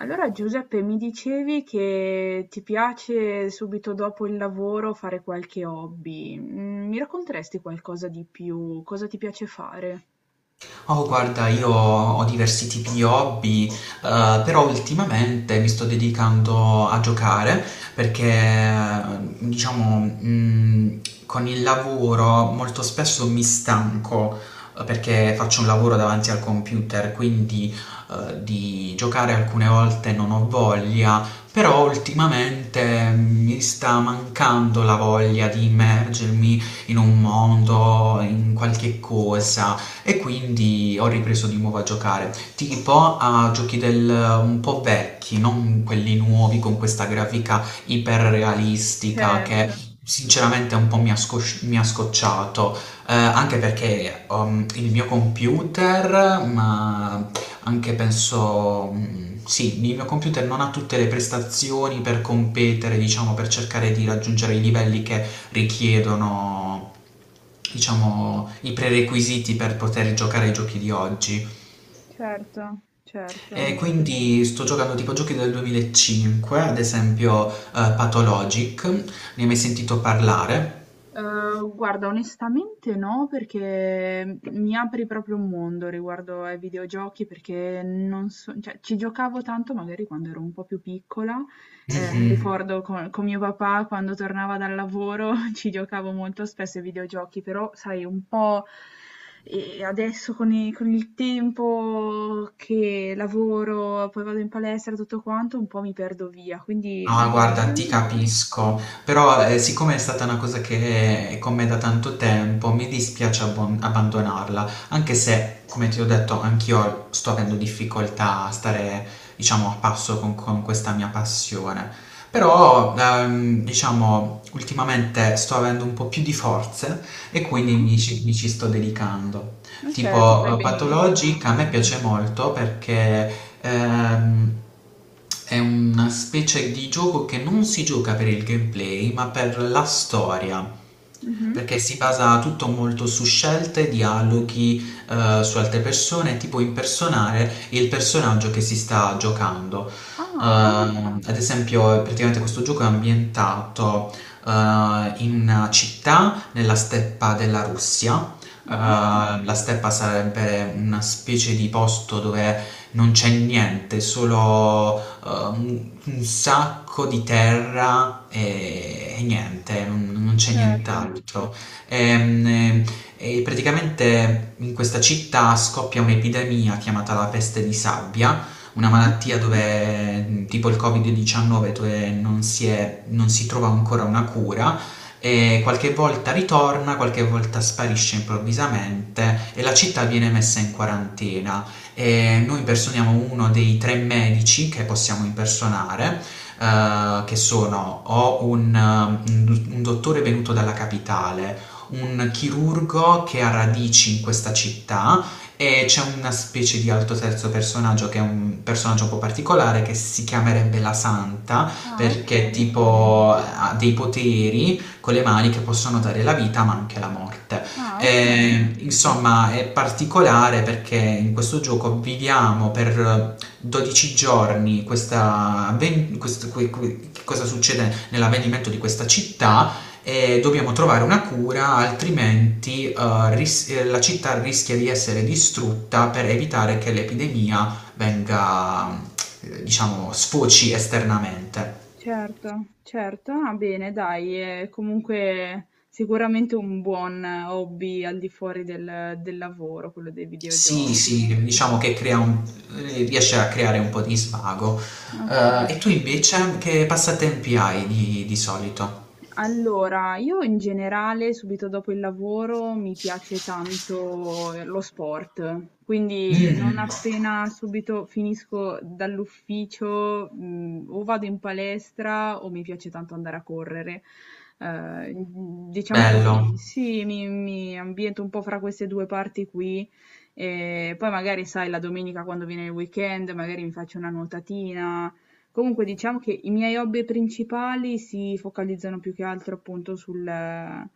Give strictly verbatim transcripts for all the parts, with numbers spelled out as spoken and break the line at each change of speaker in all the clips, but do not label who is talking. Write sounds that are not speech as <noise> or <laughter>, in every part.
Allora Giuseppe, mi dicevi che ti piace subito dopo il lavoro fare qualche hobby. Mm, Mi racconteresti qualcosa di più? Cosa ti piace fare?
Oh, guarda, io ho diversi tipi di hobby, eh, però ultimamente mi sto dedicando a giocare perché, diciamo, mh, con il lavoro molto spesso mi stanco eh, perché faccio un lavoro davanti al computer, quindi eh, di giocare alcune volte non ho voglia, però ultimamente mi sta mancando la voglia di immergermi in un mondo, in qualche cosa e quindi ho ripreso di nuovo a giocare, tipo a giochi del, un po' vecchi, non quelli nuovi con questa grafica iperrealistica che
Certo,
sinceramente un po' mi ha, scosci- mi ha scocciato, eh, anche perché um, il mio computer, ma anche penso, mm, sì, il mio computer non ha tutte le prestazioni per competere, diciamo, per cercare di raggiungere i livelli che richiedono diciamo i prerequisiti per poter giocare ai giochi di oggi
certo, certo.
e quindi sto giocando tipo giochi del duemilacinque ad esempio, eh, Pathologic ne hai mai sentito parlare?
Uhm, guarda onestamente no, perché mi apri proprio un mondo riguardo ai videogiochi, perché non so cioè ci giocavo tanto magari quando ero un po' più piccola, ehm, mi
Mhm.
ricordo co con mio papà quando tornava dal lavoro <laughs> ci giocavo molto spesso ai videogiochi, però sai un po', ehm, adesso con i con il tempo che lavoro, poi vado in palestra e tutto quanto, un po' mi perdo via, quindi
Ah, guarda, ti
sicuramente.
capisco, però eh, siccome è stata una cosa che è con me da tanto tempo, mi dispiace abbon- abbandonarla, anche se, come ti ho detto, anch'io sto avendo difficoltà a stare, diciamo, a passo con, con questa mia passione. Però, ehm, diciamo, ultimamente sto avendo un po' più di forze e quindi
Mh-mh.
mi ci mi ci sto dedicando
Ma certo, fai
tipo eh,
benissimo.
Pathologic a me piace molto perché ehm, è una specie di gioco che non si gioca per il gameplay, ma per la storia.
Mh-mh.
Perché si basa tutto molto su scelte, dialoghi, eh, su altre persone, tipo impersonare il personaggio che si sta giocando.
Ah.
Ehm, ad esempio, praticamente questo gioco è ambientato eh, in una città nella steppa della Russia.
Ah-ah.
Uh, la steppa sarebbe una specie di posto dove non c'è niente, solo uh, un, un sacco di terra e, e niente, non, non c'è
Certo.
nient'altro. Ehm, E, e praticamente in questa città scoppia un'epidemia chiamata la peste di sabbia, una
Mh-mh.
malattia dove, tipo il Covid diciannove, dove non si è- non si trova ancora una cura e qualche volta ritorna, qualche volta sparisce improvvisamente e la città viene messa in quarantena. E noi impersoniamo uno dei tre medici che possiamo impersonare, eh, che sono o un, un- un dottore venuto dalla capitale, un chirurgo che ha radici in questa città e c'è una specie di alto terzo personaggio che è un personaggio un po' particolare che si chiamerebbe la Santa
Ah,
perché
okay.
tipo ha dei poteri con le mani che possono dare la vita ma anche la morte.
Ah, okay.
E, insomma, è particolare perché in questo gioco viviamo per dodici giorni questa, avven- questo- que- que- che cosa succede nell'avvenimento di questa città e dobbiamo trovare una cura, altrimenti eh, ris- eh, la città rischia di essere distrutta per evitare che l'epidemia venga, eh, diciamo, sfoci esternamente.
Certo, certo. Ah, bene dai, è comunque sicuramente un buon hobby al di fuori del del lavoro, quello dei
Sì,
videogiochi.
sì, diciamo che crea un ehm, riesce a creare un po' di svago. Ehm, e tu
Okay.
invece che passatempi hai di di solito?
Allora, io in generale subito dopo il lavoro mi piace tanto eh, lo sport, quindi non
Mh,
appena subito finisco dall'ufficio, mh, o vado in palestra o mi piace tanto andare a correre. Eh, diciamo che
bello.
mi- sì, mi, mi ambiento un po' fra queste due parti qui. E poi magari, sai, la domenica quando viene il weekend, magari mi faccio una nuotatina. Comunque diciamo che i miei hobby principali si focalizzano più che altro appunto sul, eh,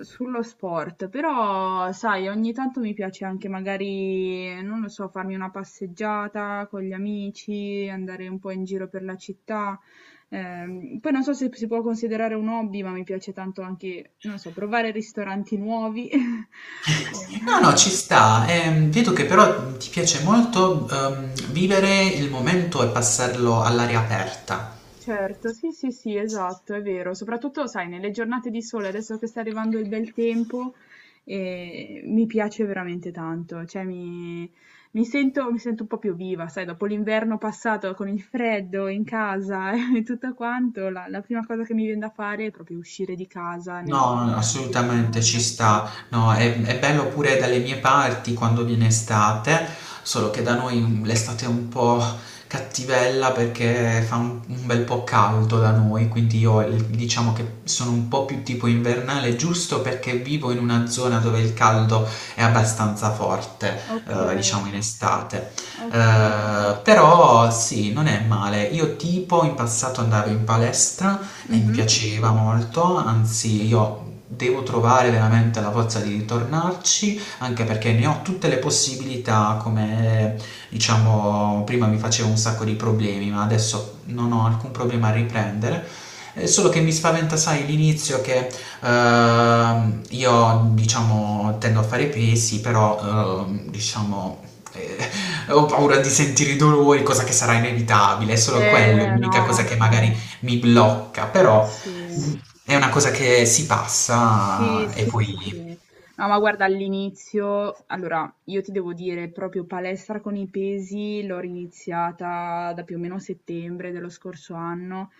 sullo sport, però sai, ogni tanto mi piace anche magari, non lo so, farmi una passeggiata con gli amici, andare un po' in giro per la città. Ehm, poi non so se si può considerare un hobby, ma mi piace tanto anche, non lo so, provare ristoranti nuovi. <laughs> Eh,
No, no, ci sta. Ehm, vedo che però ti piace molto, uhm, vivere il momento e passarlo all'aria aperta.
Certo, sì, sì, sì, esatto, è vero. Soprattutto, sai, nelle giornate di sole, adesso che sta arrivando il bel tempo, eh, mi piace veramente tanto. Cioè, mi, mi sento, mi sento un po' più viva, sai, dopo l'inverno passato con il freddo in casa <laughs> e tutto quanto, la, la prima cosa che mi viene da fare è proprio uscire di casa, ne ho
No, no,
proprio
no,
veramente
assolutamente
bisogno.
ci sta. No, è, è bello pure dalle mie parti quando viene estate, solo che da noi l'estate è un po' cattivella perché fa un, un bel po' caldo da noi, quindi io il- diciamo che sono un po' più tipo invernale, giusto perché vivo in una zona dove il caldo è abbastanza forte,
Ok,
eh, diciamo in estate.
ok.
Eh, però sì, non è male. Io tipo in passato andavo in palestra e mi
Mhm.
piaceva molto, anzi io devo trovare veramente la forza di ritornarci, anche perché ne ho tutte le possibilità, come diciamo prima mi facevo un sacco di problemi, ma adesso non ho alcun problema a riprendere. Eh, Solo che mi spaventa, sai, l'inizio che ehm, io, diciamo, tendo a fare pesi, però, ehm, diciamo, eh, <laughs> ho paura di sentire i dolori, cosa che sarà inevitabile, è solo quello,
Eh,
l'unica
no,
cosa
ma
che magari mi blocca, però
sì.
è una cosa che si
Sì,
passa e
sì, sì, sì, sì.
poi...
No, ma guarda, all'inizio, allora, io ti devo dire, proprio palestra con i pesi l'ho riniziata da più o meno settembre dello scorso anno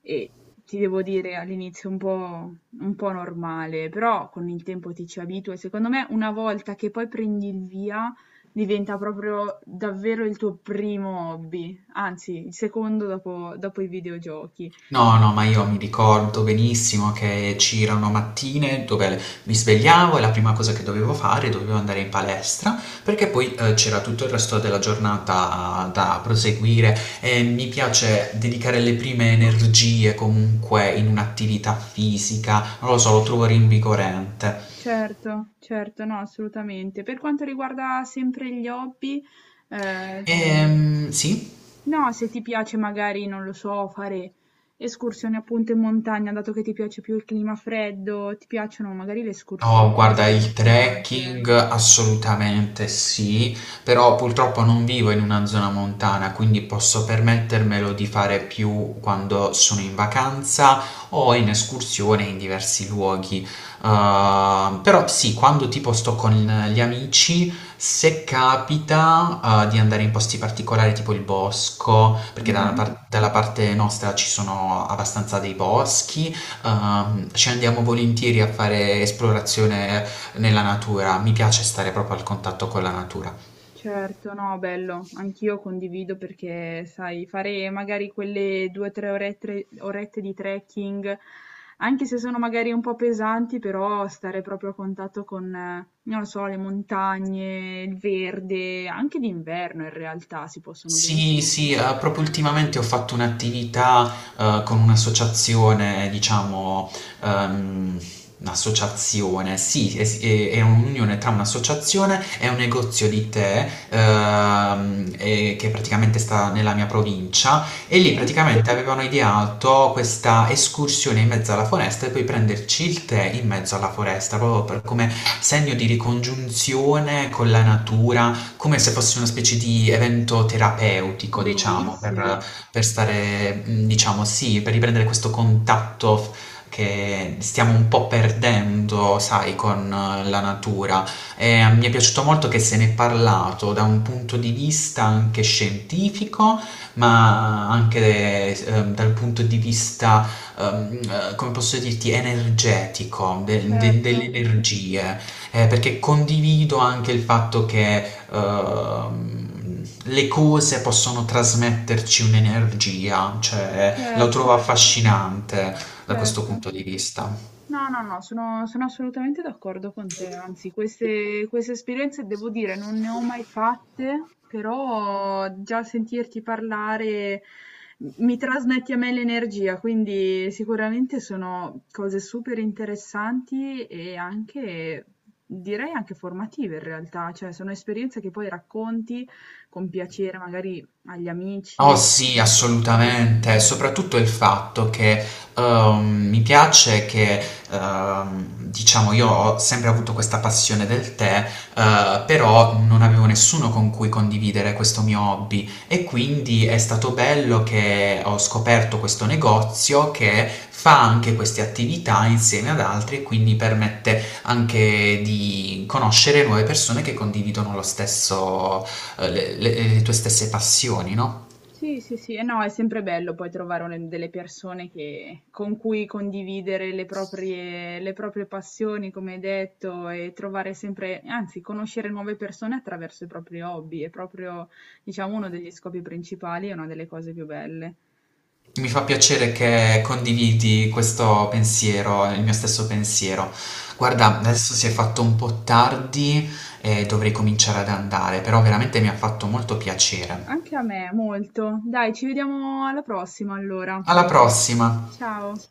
e ti devo dire all'inizio un po', un po' normale, però con il tempo ti ci abitui. E secondo me, una volta che poi prendi il via, diventa proprio davvero il tuo primo hobby, anzi, il secondo dopo dopo i videogiochi.
No, no, ma io mi ricordo benissimo che c'erano mattine dove mi svegliavo e la prima cosa che dovevo fare dovevo andare in palestra perché poi eh, c'era tutto il resto della giornata da proseguire e mi piace dedicare le prime energie comunque in un'attività fisica, non lo so, lo trovo rinvigorente.
Certo, certo, no, assolutamente. Per quanto riguarda sempre gli hobby, eh,
Ehm, sì.
no, se ti piace magari, non lo so, fare escursioni appunto in montagna, dato che ti piace più il clima freddo, ti piacciono magari le
No,
escursioni o le
guarda, il
camminate.
trekking assolutamente sì, però purtroppo non vivo in una zona montana, quindi posso permettermelo di fare più quando sono in vacanza o in escursione in diversi luoghi. Uh, però sì, quando tipo sto con gli amici, se capita, uh, di andare in posti particolari tipo il bosco, perché dalla
Mhm.
par- dalla parte nostra ci sono abbastanza dei boschi, ehm, ci andiamo volentieri a fare esplorazione nella natura, mi piace stare proprio al contatto con la natura.
Certo, no, bello, anch'io condivido perché, sai, fare magari quelle due o tre orette orette di trekking, anche se sono magari un po' pesanti, però stare proprio a contatto con, eh, non lo so, le montagne, il verde, anche d'inverno in realtà si possono
Sì,
benissimo
sì, eh,
fare.
proprio
eh.
ultimamente ho fatto un'attività eh, con un'associazione, diciamo, ehm, un'associazione, sì, es- è, è un'unione tra un'associazione e un negozio di tè, ehm, e- che praticamente sta nella mia provincia e lì
Sì,
praticamente avevano ideato questa escursione in mezzo alla foresta e poi prenderci il tè in mezzo alla foresta, proprio per- come segno di ricongiunzione con la natura, come se fosse una specie di evento terapeutico, diciamo,
bellissimo,
per per stare, mhmm, diciamo sì, per riprendere questo contatto f che stiamo un po' perdendo, sai, con eh, la natura. Ehm, mi è piaciuto molto che se n'è parlato da un punto di vista anche scientifico, ma anche s ehm, dal punto di vista, ehm, eh, come posso dirti, energetico, de de
certo,
delle energie, eh, perché condivido anche il fatto che ehm, le cose possono trasmetterci un'energia, cioè la
certo.
trovo affascinante da questo
Certo.
punto di vista.
No, no, no, sono sono assolutamente d'accordo con te. Anzi, queste queste esperienze, devo dire, non ne ho mai fatte, però già sentirti parlare m mi trasmetti a me l'energia, quindi sicuramente sono cose super interessanti e anche direi anche formative in realtà, cioè sono esperienze che poi racconti con piacere magari agli
Oh
amici, ad
sì,
altre persone.
assolutamente, soprattutto il fatto che ehm, mi piace che, ehm, diciamo, io ho sempre avuto questa passione del tè, eh, però non avevo nessuno con cui condividere questo mio hobby e quindi è stato bello che ho scoperto questo negozio che fa anche queste attività insieme ad altri e quindi permette anche di conoscere nuove persone che condividono lo stesso, eh, le le- le tue stesse passioni, no?
Sì, sì, sì, e no, è sempre bello poi trovare un- delle persone che- con cui condividere le proprie, le proprie passioni, come hai detto, e trovare sempre, anzi, conoscere nuove persone attraverso i propri hobby, è proprio, diciamo, uno degli scopi principali e una delle cose più belle.
Mi fa piacere che condividi questo pensiero, il mio stesso pensiero. Guarda,
Certo.
adesso si è fatto un po' tardi e dovrei cominciare ad andare, però veramente mi ha fatto molto piacere.
Anche a me, molto. Dai, ci vediamo alla prossima allora.
Alla prossima!
Ciao.